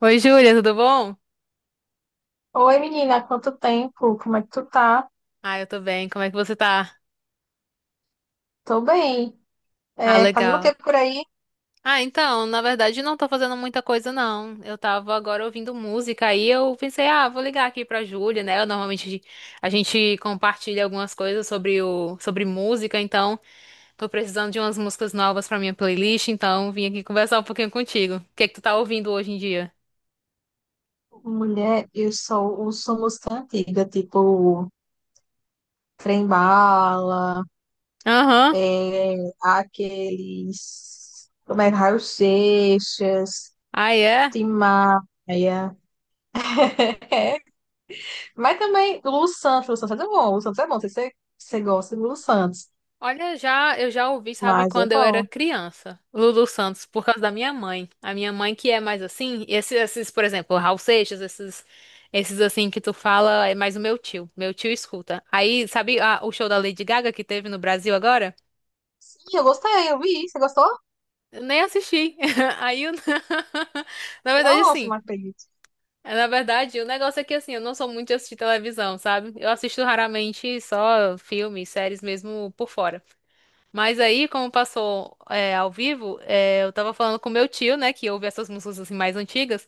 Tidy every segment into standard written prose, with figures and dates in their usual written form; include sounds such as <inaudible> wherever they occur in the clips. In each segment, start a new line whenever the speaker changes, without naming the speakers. Oi, Júlia, tudo bom?
Oi, menina, quanto tempo? Como é que tu tá?
Ah, eu tô bem. Como é que você tá?
Tô bem.
Ah,
É, fazendo o que
legal.
por aí?
Ah, então, na verdade, não tô fazendo muita coisa, não. Eu tava agora ouvindo música aí eu pensei, ah, vou ligar aqui pra Júlia, né? Normalmente a gente compartilha algumas coisas sobre música, então tô precisando de umas músicas novas pra minha playlist, então vim aqui conversar um pouquinho contigo. O que é que tu tá ouvindo hoje em dia?
Mulher, eu sou música antiga, tipo Trembala,
Aham.
é, aqueles. Como é? Raul Seixas,
Ah, é?
Tim Maia. <laughs> Mas também Lu Santos, Lu Santos é bom, Lu Santos é bom, não sei se você gosta de Lu Santos,
Olha, já eu já ouvi, sabe,
mas é
quando eu era
bom.
criança, Lulu Santos, por causa da minha mãe. A minha mãe que é mais assim, por exemplo, Raul Seixas, esses assim que tu fala, é mais o meu tio. Meu tio escuta. Aí, sabe, o show da Lady Gaga que teve no Brasil agora?
Sim, eu gostei, eu vi, você gostou?
Eu nem assisti. <laughs> Aí, <laughs> na verdade,
Nossa,
assim,
não acredito.
na verdade, o negócio é que assim, eu não sou muito de assistir televisão, sabe? Eu assisto raramente só filmes, séries mesmo por fora. Mas aí, como passou é, ao vivo, é, eu tava falando com meu tio, né, que ouve essas músicas assim, mais antigas,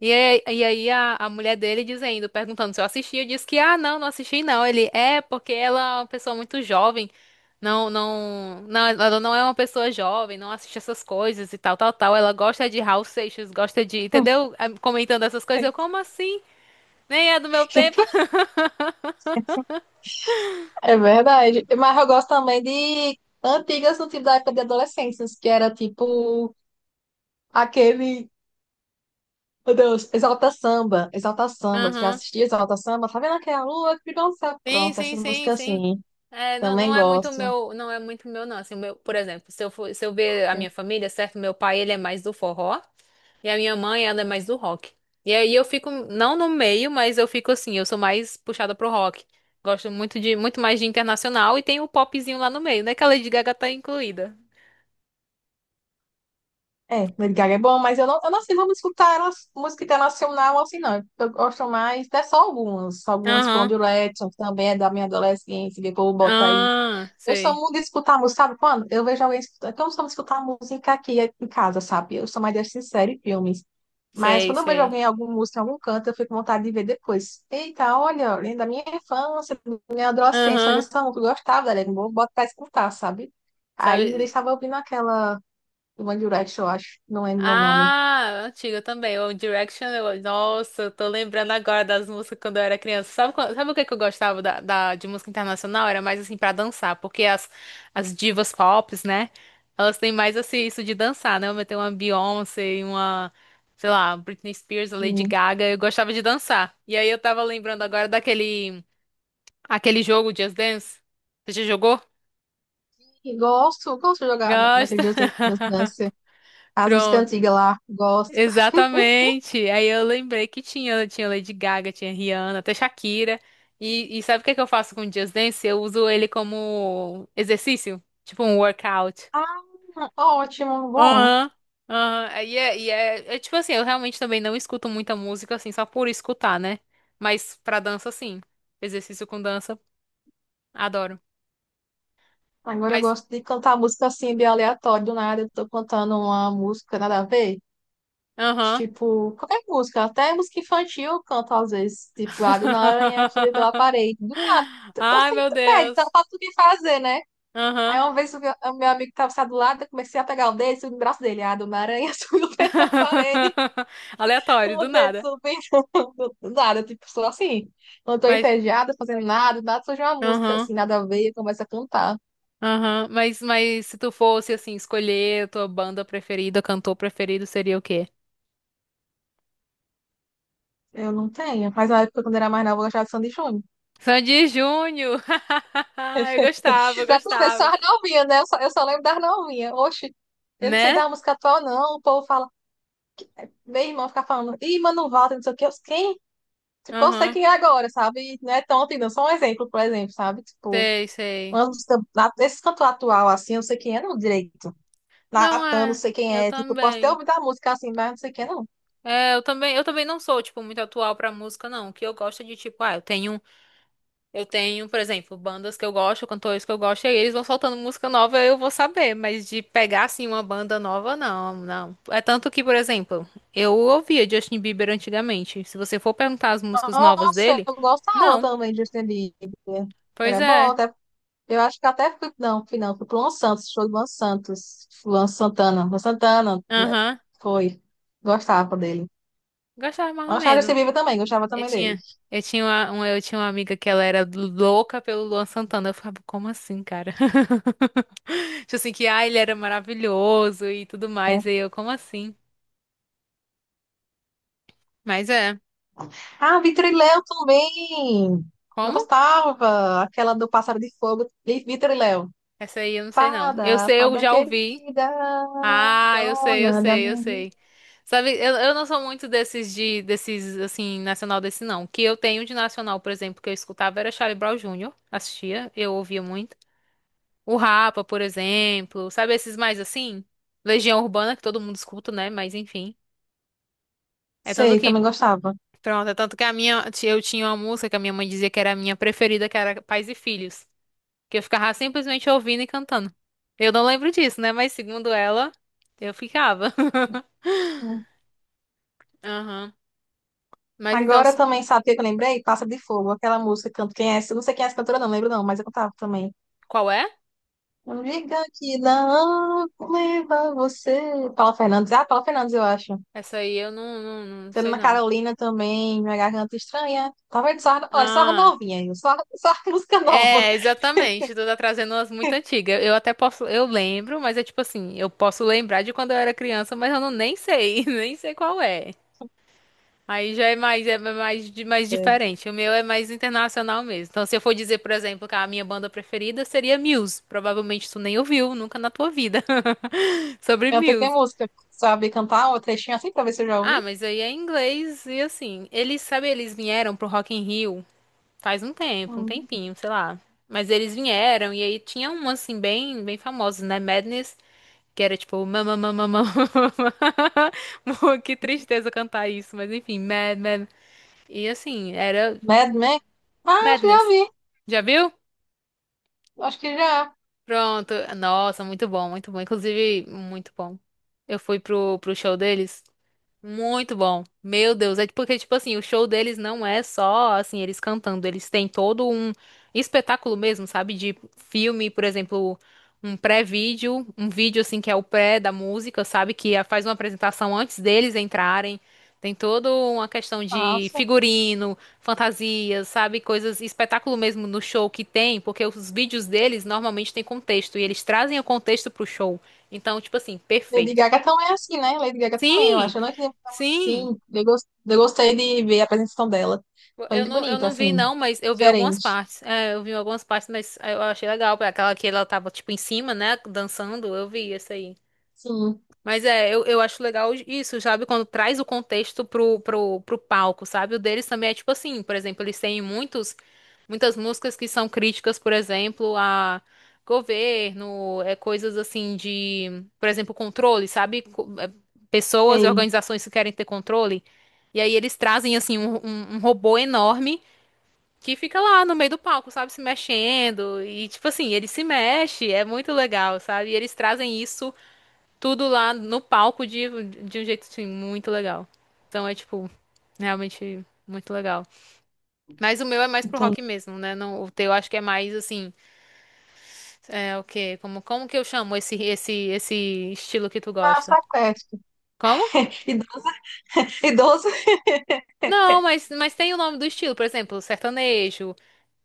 e aí a mulher dele dizendo, perguntando se eu assisti, eu disse que, ah, não, não assisti não. Porque ela é uma pessoa muito jovem, não, não, não, ela não é uma pessoa jovem, não assiste essas coisas e tal, tal, tal. Ela gosta de Raul Seixas, gosta de, entendeu? Ah, comentando essas coisas, como assim? Nem é do meu tempo.
<laughs> É verdade. Mas eu gosto também de antigas no tipo da época de adolescências que era tipo aquele, meu Deus, Exalta Samba, Exalta Samba. Tu já
<laughs>
assistia Exalta Samba? Tá vendo aquela lua que brilhou no céu?
Sim,
Pronto,
sim,
essas
sim,
músicas
sim.
assim.
É, não, não
Também
é muito
gosto.
meu, não é muito meu, não. Assim, o meu, por exemplo, se eu ver a minha família, certo? Meu pai, ele é mais do forró e a minha mãe, ela é mais do rock. E aí eu fico, não no meio, mas eu fico assim, eu sou mais puxada pro rock. Gosto muito mais de internacional e tem o popzinho lá no meio, né? Que a Lady Gaga tá incluída.
É, Lady Gaga é bom, mas eu não sei, vamos escutar música internacional assim, não. Eu gosto mais, até só algumas. Algumas
Aham.
Blonde Letton, que também é da minha adolescência, que o povo bota aí.
Ah,
Eu sou
sei.
muito de escutar música, sabe quando? Eu vejo alguém escutando. Eu não sou muito de escutar música aqui em casa, sabe? Eu sou mais de assistir série e filmes. Mas
Sei,
quando eu vejo
sei.
alguém, algum música em algum canto, eu fico com vontade de ver depois. Eita, olha, lembra da minha infância, da minha adolescência, olha
Aham.
essa música, eu gostava da Legion, vou bota pra escutar, sabe? Aí ele
Sabe?
estava ouvindo aquela do One Direction, eu acho, não lembro o nome.
Ah, antiga também. O Direction, nossa, eu tô lembrando agora das músicas quando eu era criança. Sabe, sabe o que que eu gostava de música internacional? Era mais assim pra dançar, porque as divas pop, né? Elas têm mais assim isso de dançar, né? Eu tenho uma Beyoncé e uma, sei lá, Britney Spears, a Lady
Hum.
Gaga. Eu gostava de dançar. E aí eu tava lembrando agora daquele aquele jogo Just Dance. Você já jogou?
E gosto, gosto de jogar naquele
Gosta?
Just Dance, Dance, Dance,
<laughs>
as músicas
Pronto.
antigas lá, gosto.
Exatamente. Aí eu lembrei que tinha Lady Gaga, tinha Rihanna, até Shakira. E sabe o que é que eu faço com o Just Dance? Eu uso ele como exercício, tipo um workout.
Ah, ótimo, bom.
Aham. Aham. É tipo assim, eu realmente também não escuto muita música assim, só por escutar, né? Mas pra dança, sim. Exercício com dança, adoro.
Agora eu
Mas,
gosto de cantar música assim, bem aleatória, do nada eu tô cantando uma música nada a ver.
aham.
Tipo, qualquer música, até música infantil eu canto às vezes. Tipo, lá do aranha subi pela
<laughs>
parede. Do nada, eu tô
Ai,
sem
meu
pé, tá
Deus.
pra tudo que fazer, né? Aí
Aham.
uma vez o meu amigo que tava sentado do lado, eu comecei a pegar o dedo, subi no braço dele. Ah, do aranha <laughs> subiu pela parede,
<laughs>
com
Aleatório,
o
do
dedo
nada.
subindo. Do nada, tipo, sou assim. Não tô
Mas,
entediada, fazendo nada, do nada surge uma música
aham,
assim, nada a ver, começa a cantar.
aham. Mas se tu fosse, assim, escolher a tua banda preferida, cantor preferido, seria o quê?
Eu não tenho. Mas na época, quando era mais nova, eu gostava de Sandy e Júnior.
Sandy Júnior! <laughs> Eu gostava, eu
Pra tu ver, só
gostava.
as novinhas, né? Eu só lembro das novinhas. Oxe, eu não sei
Né?
da música atual, não. O povo fala, meu irmão fica falando, ih, Mano Walter, não sei o quê. Eu, quem? Tipo, eu sei
Aham.
quem é agora, sabe? E não é tão antigo, não. Só um exemplo, por exemplo, sabe? Tipo,
Sei, sei.
uma música, esse cantor atual, assim, eu não sei quem é, não, direito.
Não
Natan, não
é,
sei
eu
quem é. Tipo, eu posso ter
também.
ouvido a música assim, mas não sei quem é, não.
É, eu também não sou, tipo, muito atual pra música, não. O que eu gosto é de, tipo, ah, eu tenho Eu tenho, por exemplo, bandas que eu gosto, cantores que eu gosto, e aí eles vão soltando música nova, eu vou saber, mas de pegar assim uma banda nova, não, não. É tanto que, por exemplo, eu ouvia Justin Bieber antigamente. Se você for perguntar as músicas novas
Nossa,
dele,
eu gostava
não.
também de Justin Bieber.
Pois
Era bom,
é.
até eu acho que até fui, não, fui não, fui pro Luan Santos, show do Luan Santos, Luan Santana, Luan Santana, né?
Aham.
Foi. Gostava dele.
Gostava mais ou
Gostava desse
menos.
Bieber também, gostava
Eu
também dele.
tinha, eu tinha uma amiga que ela era louca pelo Luan Santana. Eu ficava, como assim, cara? <laughs> Tipo assim, que ah, ele era maravilhoso e tudo mais. E eu, como assim? Mas é.
Ah, Vitor e Léo também. Gostava. Aquela do Pássaro de Fogo, e Vitor e Léo.
Essa aí eu não sei não. Eu
Fada,
sei, eu
fada
já ouvi.
querida,
Ah, eu sei, eu
dona da
sei, eu
minha vida.
sei. Sabe, eu não sou muito desses assim nacional desse não. O que eu tenho de nacional, por exemplo, que eu escutava era Charlie Brown Jr. Assistia, eu ouvia muito. O Rapa, por exemplo, sabe esses mais assim? Legião Urbana que todo mundo escuta, né? Mas enfim. É tanto
Sei,
que,
também gostava.
pronto, é tanto que a minha eu tinha uma música que a minha mãe dizia que era a minha preferida, que era Pais e Filhos. Que eu ficava simplesmente ouvindo e cantando. Eu não lembro disso, né? Mas segundo ela, eu ficava.
Hum.
<laughs> Aham. Mas então,
Agora também, sabe o que eu lembrei? Pássaro de Fogo, aquela música, canto quem é, essa? Não sei quem é essa cantora, não lembro não, mas eu cantava também.
qual é?
Não diga que não leva você. Paula Fernandes. Ah, Paula Fernandes, eu acho.
Essa aí eu não sei
Selena
não.
Carolina também, Minha Garganta Estranha. Talvez só, ó, é só a
Ah,
novinhas, viu? Só, só a <laughs> música nova.
é, exatamente. Tu tá trazendo umas muito antigas. Eu até posso, eu lembro, mas é tipo assim, eu posso lembrar de quando eu era criança, mas eu não nem sei, <laughs> nem sei qual é. Aí já é mais, mais
É.
diferente. O meu é mais internacional mesmo. Então, se eu for dizer, por exemplo, que a minha banda preferida seria Muse. Provavelmente tu nem ouviu, nunca na tua vida. <laughs> Sobre
Canta que é
Muse.
música? Sabe cantar uma trechinha assim pra ver se eu já
Ah,
ouvi?
mas aí é em inglês e assim. Eles, sabe, eles vieram pro Rock in Rio faz um tempo, um
Hum.
tempinho, sei lá. Mas eles vieram e aí tinha um, assim, bem, bem famoso, né? Madness, que era tipo, mama, mama, mama. <laughs> Que tristeza cantar isso, mas enfim, Mad, Mad. E assim, era
Mad Men? Ah, acho que já
Madness.
ouvi.
Já viu?
Acho que já.
Pronto. Nossa, muito bom, muito bom. Inclusive, muito bom. Eu fui pro show deles. Muito bom. Meu Deus, é porque, tipo assim, o show deles não é só, assim, eles cantando, eles têm todo um espetáculo mesmo, sabe? De filme, por exemplo, um pré-vídeo, um vídeo, assim, que é o pré da música, sabe? Faz uma apresentação antes deles entrarem. Tem toda uma questão de
Nossa.
figurino, fantasias, sabe? Coisas, espetáculo mesmo no show que tem, porque os vídeos deles normalmente têm contexto, e eles trazem o contexto pro show. Então, tipo assim,
Lady
perfeito.
Gaga também é assim, né? Lady Gaga também, eu
Sim,
acho. Eu não entendi.
sim.
Sim, eu gostei de ver a apresentação dela. Foi muito
Eu
bonita,
não vi,
assim.
não, mas eu vi algumas
Diferente.
partes. É, eu vi algumas partes, mas eu achei legal. Pra aquela que ela tava, tipo, em cima, né? Dançando, eu vi essa aí.
Sim.
Mas é, eu acho legal isso, sabe? Quando traz o contexto pro palco, sabe? O deles também é tipo assim, por exemplo, eles têm muitos, muitas músicas que são críticas, por exemplo, a governo, é, coisas assim de, por exemplo, controle, sabe? Pessoas e
Ei.
organizações que querem ter controle. E aí eles trazem assim um robô enorme que fica lá no meio do palco, sabe, se mexendo. E, tipo assim, ele se mexe, é muito legal, sabe? E eles trazem isso tudo lá no palco de um jeito, assim, muito legal. Então é, tipo, realmente muito legal. Mas o meu é mais pro
Entendi.
rock mesmo, né? Não, o teu acho que é mais, assim, é o quê? Como, como que eu chamo esse estilo que tu
Ah,
gosta?
sequestro.
Como?
<laughs> Idoso, idoso.
Não,
<laughs>
mas tem o nome do estilo, por exemplo, sertanejo,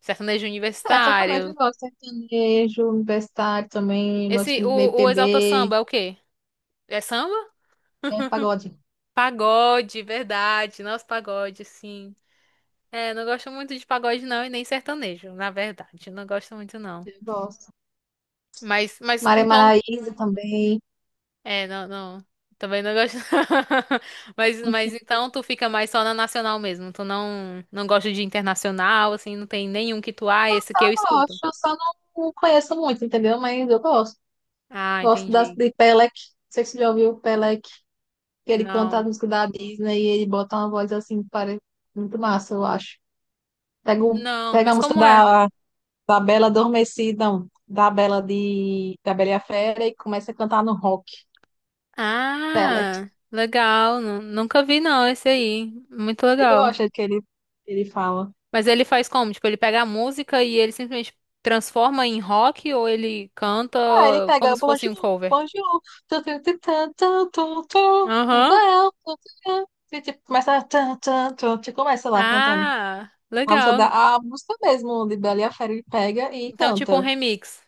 sertanejo
É, sacanagem,
universitário.
eu gosto. Sertanejo, universitário também, gosto
Esse,
do
o Exalta
BPB,
Samba é o quê? É samba?
é, pagode,
Pagode, verdade. Nossa, pagode, sim. É, não gosto muito de pagode, não, e nem sertanejo, na verdade. Não gosto muito, não.
eu gosto. Maria
Então.
Maraíza também.
É, não, não. Também não gosto. <laughs> Mas
Enfim,
então tu fica mais só na nacional mesmo. Tu não, não gosta de internacional, assim, não tem nenhum que tu, ah, esse que eu
eu
escuto.
gosto, eu só não conheço muito, entendeu? Mas eu gosto.
Ah,
Gosto das,
entendi.
de Pelec. Não sei se você já ouviu o Pelec, que ele canta a
Não.
música da Disney e ele bota uma voz assim, parece muito massa, eu acho. Pega,
Não,
pega a
mas
música
como é?
da Bela Adormecida, não, da Bela e a Fera e começa a cantar no rock. Bela,
Ah, legal. Nunca vi, não, esse aí. Muito
você
legal.
gosta que ele fala.
Mas ele faz como? Tipo, ele pega a música e ele simplesmente transforma em rock ou ele canta
Ah, ele
como
pega
se fosse um
bonjour,
cover?
bonjour, tu, tu, tu, tu, tu, tu, tu,
Aham.
well, tu, tu, tu, tu, tipo, começa tu, tu, tu, tu, começa lá cantando.
Ah,
A música,
legal.
da, a música mesmo de Bela e a Fera ele pega e
Então, tipo um
canta.
remix.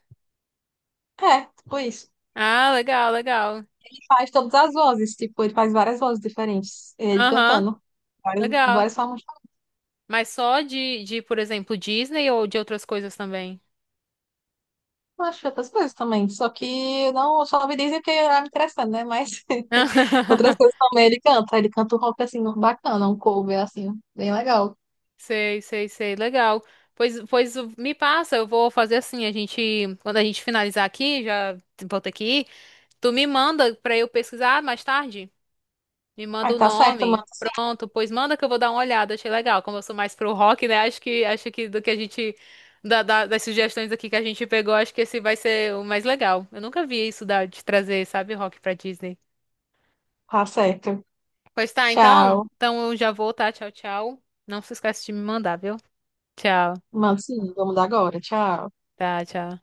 É, tipo isso.
Ah, legal, legal.
Ele faz todas as vozes, tipo, ele faz várias vozes diferentes. Ele
Aham,
cantando. Várias,
legal.
várias formas.
Mas só por exemplo, Disney ou de outras coisas também?
Eu acho outras coisas também. Só que não, eu só me dizem que é me interessante, né? Mas <laughs> outras coisas
<laughs>
também ele canta. Ele canta um rock assim, bacana, um cover assim, bem legal.
Sei, sei, sei. Legal. Pois me passa, eu vou fazer assim, quando a gente finalizar aqui, já volto aqui, tu me manda pra eu pesquisar mais tarde? Me
Aí
manda o
tá certo, manda
nome.
sim.
Pronto, pois manda que eu vou dar uma olhada. Achei legal. Como eu sou mais pro rock, né? Acho que do que a gente das sugestões aqui que a gente pegou, acho que esse vai ser o mais legal. Eu nunca vi isso de trazer, sabe, rock pra Disney.
Tá certo.
Pois tá, então,
Tchau.
então eu já vou, tá? Tchau, tchau. Não se esquece de me mandar, viu? Tchau.
Manda sim, vamos dar agora. Tchau.
Tá, tchau.